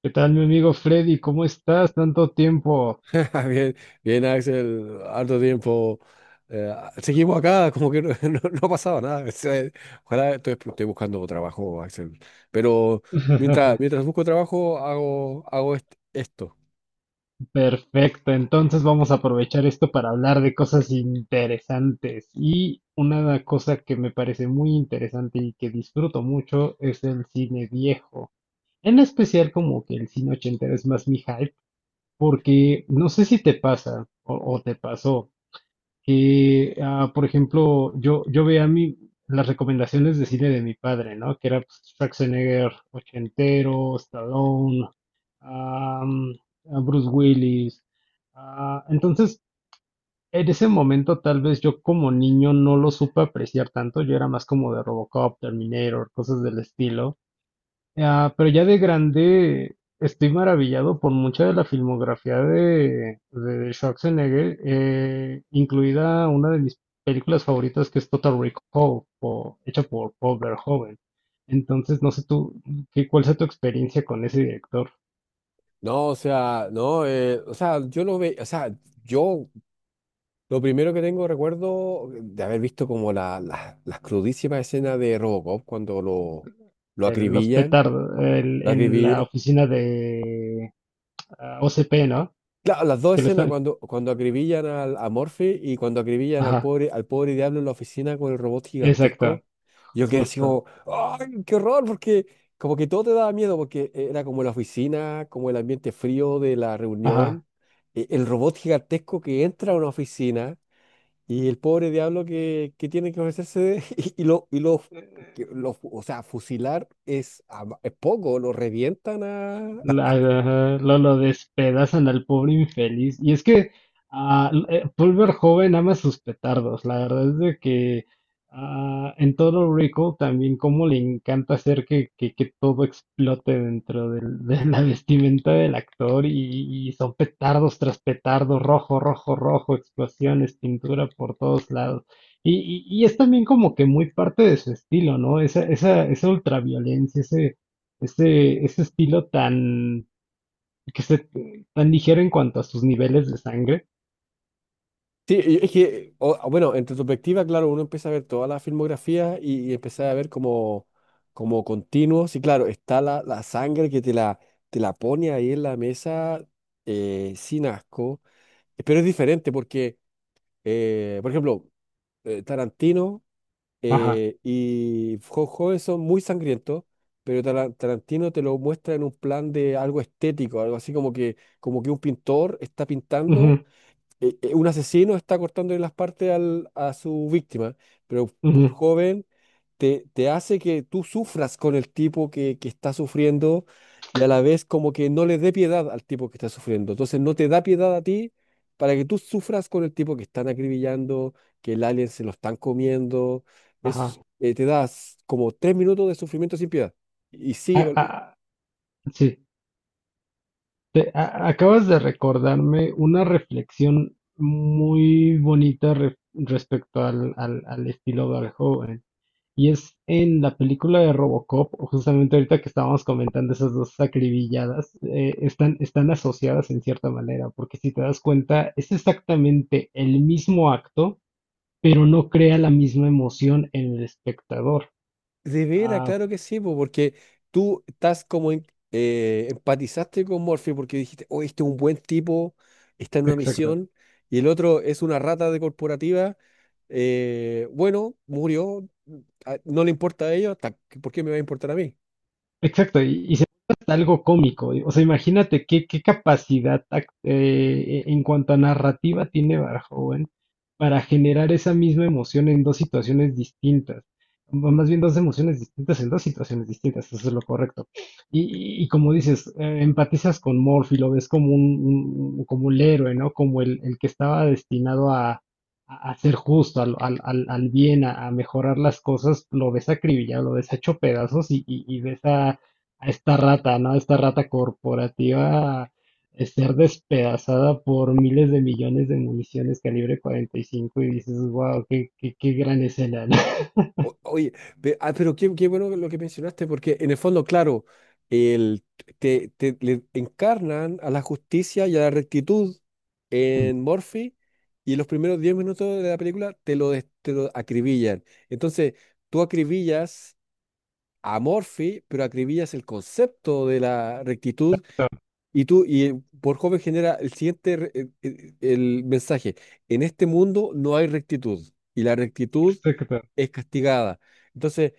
¿Qué tal, mi amigo Freddy? ¿Cómo estás? Tanto tiempo. Bien, bien, Axel, harto tiempo. Eh, Seguimos acá, como que no, no ha pasado nada. O sea, ojalá estoy buscando trabajo, Axel. Pero mientras, mientras busco trabajo, hago esto. Perfecto, entonces vamos a aprovechar esto para hablar de cosas interesantes. Y una cosa que me parece muy interesante y que disfruto mucho es el cine viejo. En especial como que el cine ochentero es más mi hype, porque no sé si te pasa o te pasó, que, por ejemplo, yo veía las recomendaciones de cine de mi padre, ¿no? Que era pues, Schwarzenegger ochentero, Stallone, am, a Bruce Willis. Entonces, en ese momento, tal vez yo como niño no lo supe apreciar tanto. Yo era más como de Robocop, Terminator, cosas del estilo. Pero ya de grande estoy maravillado por mucha de la filmografía de Schwarzenegger, incluida una de mis películas favoritas que es Total Recall, hecha por Paul Verhoeven. Entonces, no sé tú, cuál sea tu experiencia con ese director. No, o sea, no, o sea, o sea, yo lo primero que tengo recuerdo de haber visto como las crudísimas escenas de Robocop cuando lo Los acribillan, petardos, lo en la acribillan. oficina de OCP, ¿no? Claro, las dos Que le escenas están... cuando acribillan a Morphy y cuando acribillan Ajá, al pobre diablo en la oficina con el robot exacto, gigantesco. Yo quedé así justo. como, ¡ay, qué horror! Porque como que todo te daba miedo, porque era como la oficina, como el ambiente frío de la Ajá. reunión, el robot gigantesco que entra a una oficina y el pobre diablo que tiene que ofrecerse o sea, fusilar es poco, lo revientan. Lo despedazan al pobre infeliz. Y es que Paul Verhoeven ama sus petardos. La verdad es de que en todo Rico también como le encanta hacer que todo explote dentro del- de la vestimenta del actor y son petardos tras petardo, rojo, rojo, rojo, explosiones, pintura por todos lados. Y es también como que muy parte de su estilo, ¿no? Esa ultraviolencia, ese estilo tan, que se, tan ligero en cuanto a sus niveles de sangre. Sí, y es que, bueno, en retrospectiva, claro, uno empieza a ver toda la filmografía y empieza a ver como continuos. Y claro, está la sangre que te la pone ahí en la mesa, sin asco. Pero es diferente porque, por ejemplo, Tarantino Ajá. Y Joven son muy sangrientos, pero Tarantino te lo muestra en un plan de algo estético, algo así como que un pintor está pintando, Ujú, un asesino está cortándole las partes a su víctima. Pero por ujú, joven te hace que tú sufras con el tipo que está sufriendo, y a la vez como que no le dé piedad al tipo que está sufriendo. Entonces no te da piedad a ti para que tú sufras con el tipo que están acribillando, que el alien se lo están comiendo. ajá. Te das como 3 minutos de sufrimiento sin piedad. Y Ah, sigue. ah, Sí. Acabas de recordarme una reflexión muy bonita respecto al estilo de joven. Y es en la película de Robocop, justamente ahorita que estábamos comentando esas dos acribilladas, están asociadas en cierta manera, porque si te das cuenta, es exactamente el mismo acto, pero no crea la misma emoción en el espectador. De veras, Ah, claro que sí, porque tú estás como empatizaste con Morphy porque dijiste, oh, este es un buen tipo, está en una exacto. misión, y el otro es una rata de corporativa. Bueno, murió, ah, no le importa a ellos, ¿por qué me va a importar a mí? Exacto, y se vuelve hasta algo cómico. O sea, imagínate qué, qué capacidad en cuanto a narrativa tiene Verhoeven para generar esa misma emoción en dos situaciones distintas. Más bien dos emociones distintas en dos situaciones distintas, eso es lo correcto. Y como dices, empatizas con Morphy, lo ves como como el héroe, ¿no? Como el que estaba destinado a ser justo, al bien, a mejorar las cosas, lo ves acribillado, lo ves hecho pedazos y ves a esta rata, ¿no? A esta rata corporativa ser despedazada por miles de millones de municiones calibre 45 y cinco y dices, wow, qué gran escena, ¿no? Oye, pero qué bueno lo que mencionaste, porque en el fondo, claro, el, le encarnan a la justicia y a la rectitud en Murphy, y los primeros 10 minutos de la película te lo acribillan. Entonces, tú acribillas a Murphy, pero acribillas el concepto de la rectitud, y por joven genera el siguiente, re- el mensaje: en este mundo no hay rectitud. Y la rectitud Exacto. es castigada. Entonces,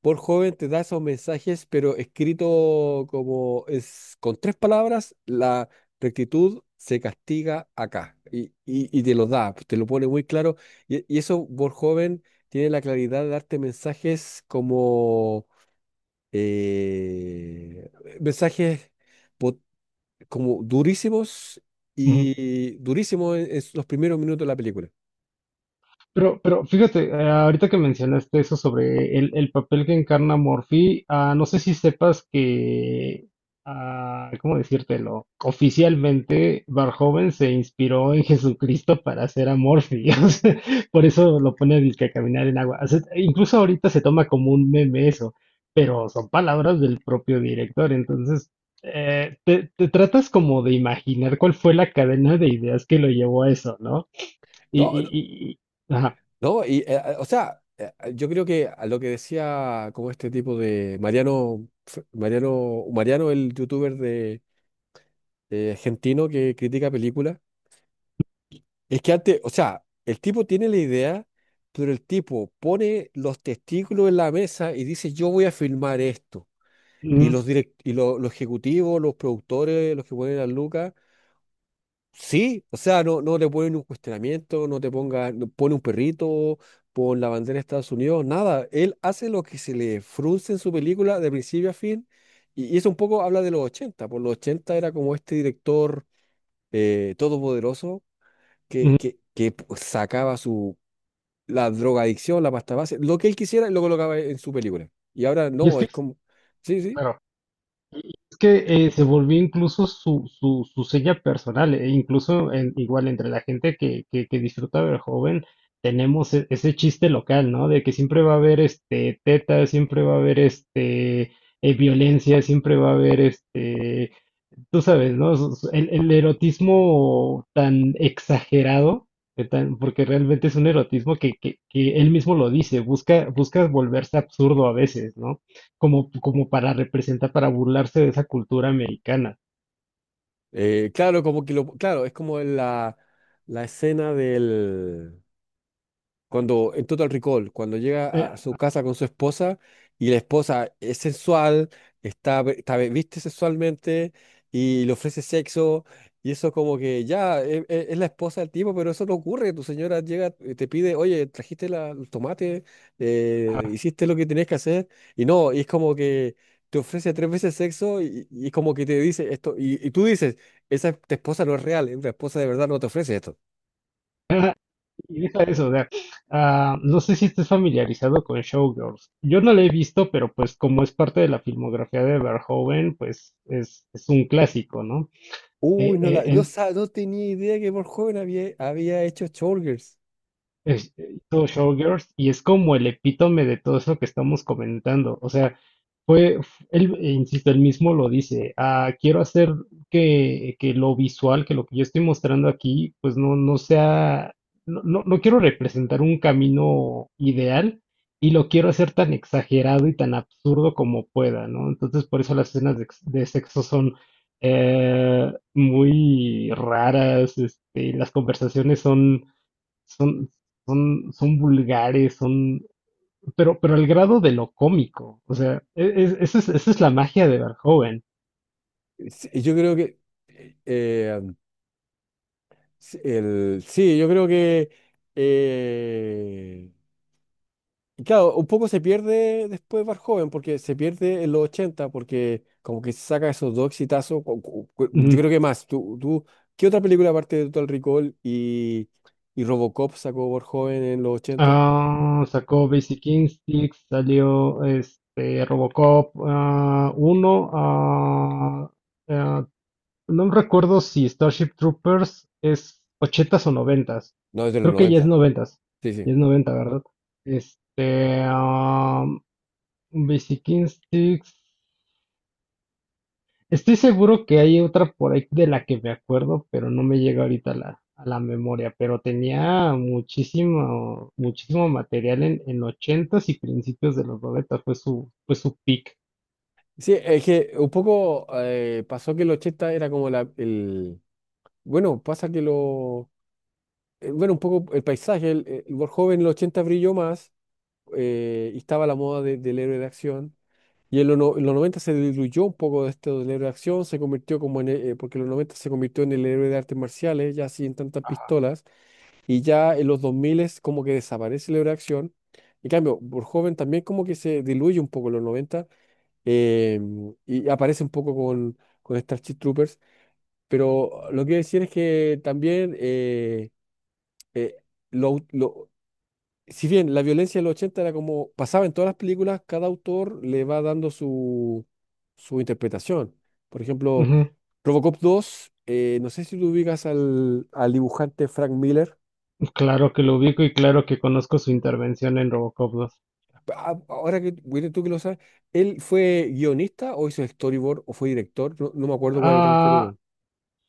por joven te da esos mensajes, pero escrito como es con tres palabras, la rectitud se castiga acá, y te lo da, te lo pone muy claro. Y eso, por joven, tiene la claridad de darte mensajes eh, mensajes pot- como durísimos, Ujú. y durísimos en los primeros minutos de la película. Pero fíjate, ahorita que mencionaste eso sobre el papel que encarna Morphy, no sé si sepas que, ¿cómo decírtelo? Oficialmente, Verhoeven se inspiró en Jesucristo para hacer a Morphy. O sea, por eso lo pone disque a caminar en agua. O sea, incluso ahorita se toma como un meme eso, pero son palabras del propio director. Entonces, te tratas como de imaginar cuál fue la cadena de ideas que lo llevó a eso, ¿no? Y, y, No, y- y- ajá. no. O sea, yo creo que a lo que decía como este tipo de Mariano, Mariano, el youtuber de argentino que critica películas. Es que antes, o sea, el tipo tiene la idea, pero el tipo pone los testículos en la mesa y dice, yo voy a filmar esto. Y Ujú, los los ejecutivos, los productores, los que ponen a Lucas. Sí, o sea, no, no te ponen un cuestionamiento, no pone un perrito, pon la bandera de Estados Unidos, nada. Él hace lo que se le frunce en su película de principio a fin. Y eso un poco habla de los 80. Por los 80 era como este director todopoderoso que, ujú. que, que p- sacaba su, la drogadicción, la pasta base, lo que él quisiera y lo colocaba en su película. Y ahora Y es no, que, es como, sí, sí, claro, es que se volvió incluso su seña personal, e incluso en- igual entre la gente que disfruta del joven, tenemos ese chiste local, ¿no? De que siempre va a haber este teta, siempre va a haber este violencia, siempre va a haber este tú sabes, ¿no? Es el erotismo tan exagerado, que tan- porque realmente es un erotismo que él mismo lo dice, busca, busca volverse absurdo a veces, ¿no? Como, como para representar, para burlarse de esa cultura americana. Claro, claro, es como la escena del... Cuando en Total Recall, cuando llega a Eh, su casa con su esposa, y la esposa es sensual, viste sexualmente y le ofrece sexo, y eso como que ya es, la esposa del tipo, pero eso no ocurre. Tu señora llega y te pide, oye, trajiste los tomates. ah, Hiciste lo que tenías que hacer, y no, y es como que te ofrece tres veces sexo, y es como que te dice esto, y tú dices, tu esposa no es real. Una esposa de verdad no te ofrece esto. y deja eso, o sea, no sé si estés familiarizado con Showgirls. Yo no la he visto, pero pues como es parte de la filmografía de Verhoeven, pues es un clásico, ¿no? Uy, Eh, no, eh, la, no, en- sa- no tenía idea que por joven había hecho Showgirls. Hizo Showgirls y es como el epítome de todo eso que estamos comentando. O sea, él, insisto, él mismo lo dice, quiero hacer que lo visual, que lo que yo estoy mostrando aquí, pues no, no quiero representar un camino ideal y lo quiero hacer tan exagerado y tan absurdo como pueda, ¿no? Entonces, por eso las escenas de, de sexo son... muy raras, este, las conversaciones son son, son vulgares, son, pero al grado de lo cómico. O sea, esa es la magia de Verhoeven. Sí, eh, yo creo que eh, y claro, un poco se pierde después Bar Joven, porque se pierde en los 80 porque como que saca esos dos exitazos. Yo Ujú. creo que más. ¿Qué otra película aparte de Total Recall y Robocop sacó Bar Joven en los ochenta? Sacó Basic Instincts, salió este Robocop 1. Ah, no recuerdo si Starship Troopers es ochentas o noventas. No, es de los Creo que ya es noventa. noventas. Sí, sí. Ya es noventa, ¿verdad? Este, Basic Instincts. Estoy seguro que hay otra por ahí de la que me acuerdo, pero no me llega ahorita a la memoria. Pero tenía muchísimo, muchísimo material en ochentas y principios de los noventas. Fue su peak. Sí, es que un poco pasó que el 80 era como el... Bueno, pasa que lo... Bueno, un poco el paisaje, el World joven en los 80 brilló más, y estaba la moda del héroe de acción. Y en, los no- en los 90 se diluyó un poco de esto del héroe de acción, se convirtió como en... porque en los 90 se convirtió en el héroe de artes marciales, ya sin tantas pistolas. Y ya en los 2000 es como que desaparece el héroe de acción. En cambio, World joven también como que se diluye un poco en los noventa, eh, y aparece un poco con Starship Troopers, pero lo que quiero decir es que también, eh, lo, lo- si bien la violencia de los 80 era como pasaba en todas las películas, cada autor le va dando su interpretación. Por ejemplo, Ujú. Robocop 2. No sé si tú ubicas al dibujante Frank Miller. Claro que lo ubico y claro que conozco su intervención en Robocop dos. Ah, ahora que, William, tú que lo sabes, ¿él fue guionista o hizo storyboard o fue director? No, no me acuerdo cuál es el rol que Ah, tuvo.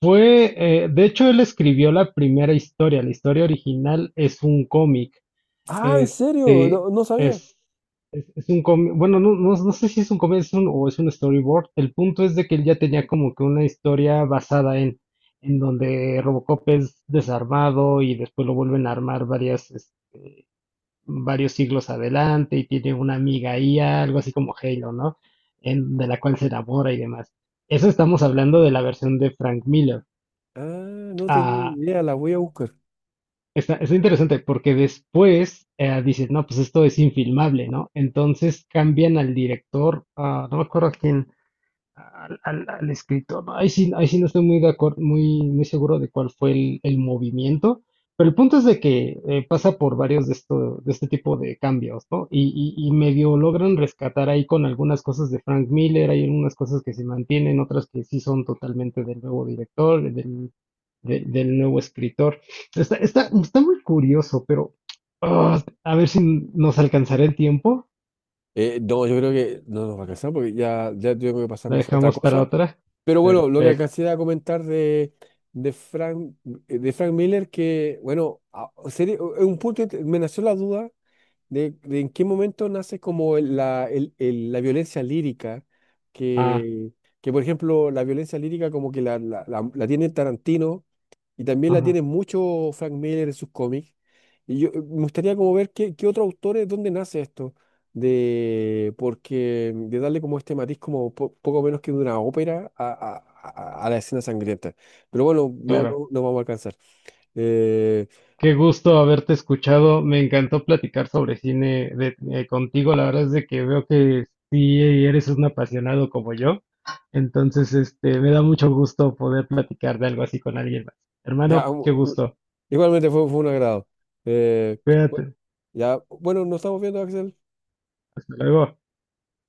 de hecho, él escribió la primera historia. La historia original es un cómic. Ah, ¿en serio? Este No, no sabía. es, es un cómic, bueno, no, no, no sé si es un cómic es o es un storyboard. El punto es de que él ya tenía como que una historia basada en donde Robocop es desarmado y después lo vuelven a armar varios siglos adelante y tiene una amiga IA, algo así como Halo, ¿no? En, de la cual se enamora y demás. Eso estamos hablando de la versión de Frank Miller. Ah, no tenía Ah, idea, la voy a buscar. Está, está interesante porque después dicen, no, pues esto es infilmable, ¿no? Entonces cambian al director, no me acuerdo a quién, al escritor, ¿no? Ahí sí no estoy muy de acuerdo, muy, muy seguro de cuál fue el movimiento, pero el punto es de que pasa por varios de esto, de este tipo de cambios, ¿no? Y medio logran rescatar ahí con algunas cosas de Frank Miller, hay algunas cosas que se mantienen, otras que sí son totalmente del nuevo director, del nuevo escritor. Está muy curioso, pero a ver si nos alcanzará el tiempo. No, yo creo que no nos va a alcanzar porque ya tengo que pasarme La a hacer otra dejamos para cosa. otra. Pero bueno, lo que Perfecto. alcancé a comentar de Frank, de Frank Miller, que bueno, es un punto. Me nació la duda: de en qué momento nace como la violencia lírica? Ah, Que, por ejemplo, la violencia lírica como que la tiene Tarantino, y también la ajá. tiene mucho Frank Miller en sus cómics. Y yo me gustaría como ver qué otros autores, dónde nace esto, de, porque, de darle como este matiz como poco menos que de una ópera a la escena sangrienta. Pero bueno, no, Claro, no, no vamos a alcanzar. Eh, qué gusto haberte escuchado. Me encantó platicar sobre cine contigo. La verdad es de que veo que sí eres un apasionado como yo. Entonces, este, me da mucho gusto poder platicar de algo así con alguien más. ya, Hermano, qué gusto. igualmente fue un agrado. Eh, bueno, Cuídate. ya, bueno, nos estamos viendo, Axel. Hasta luego.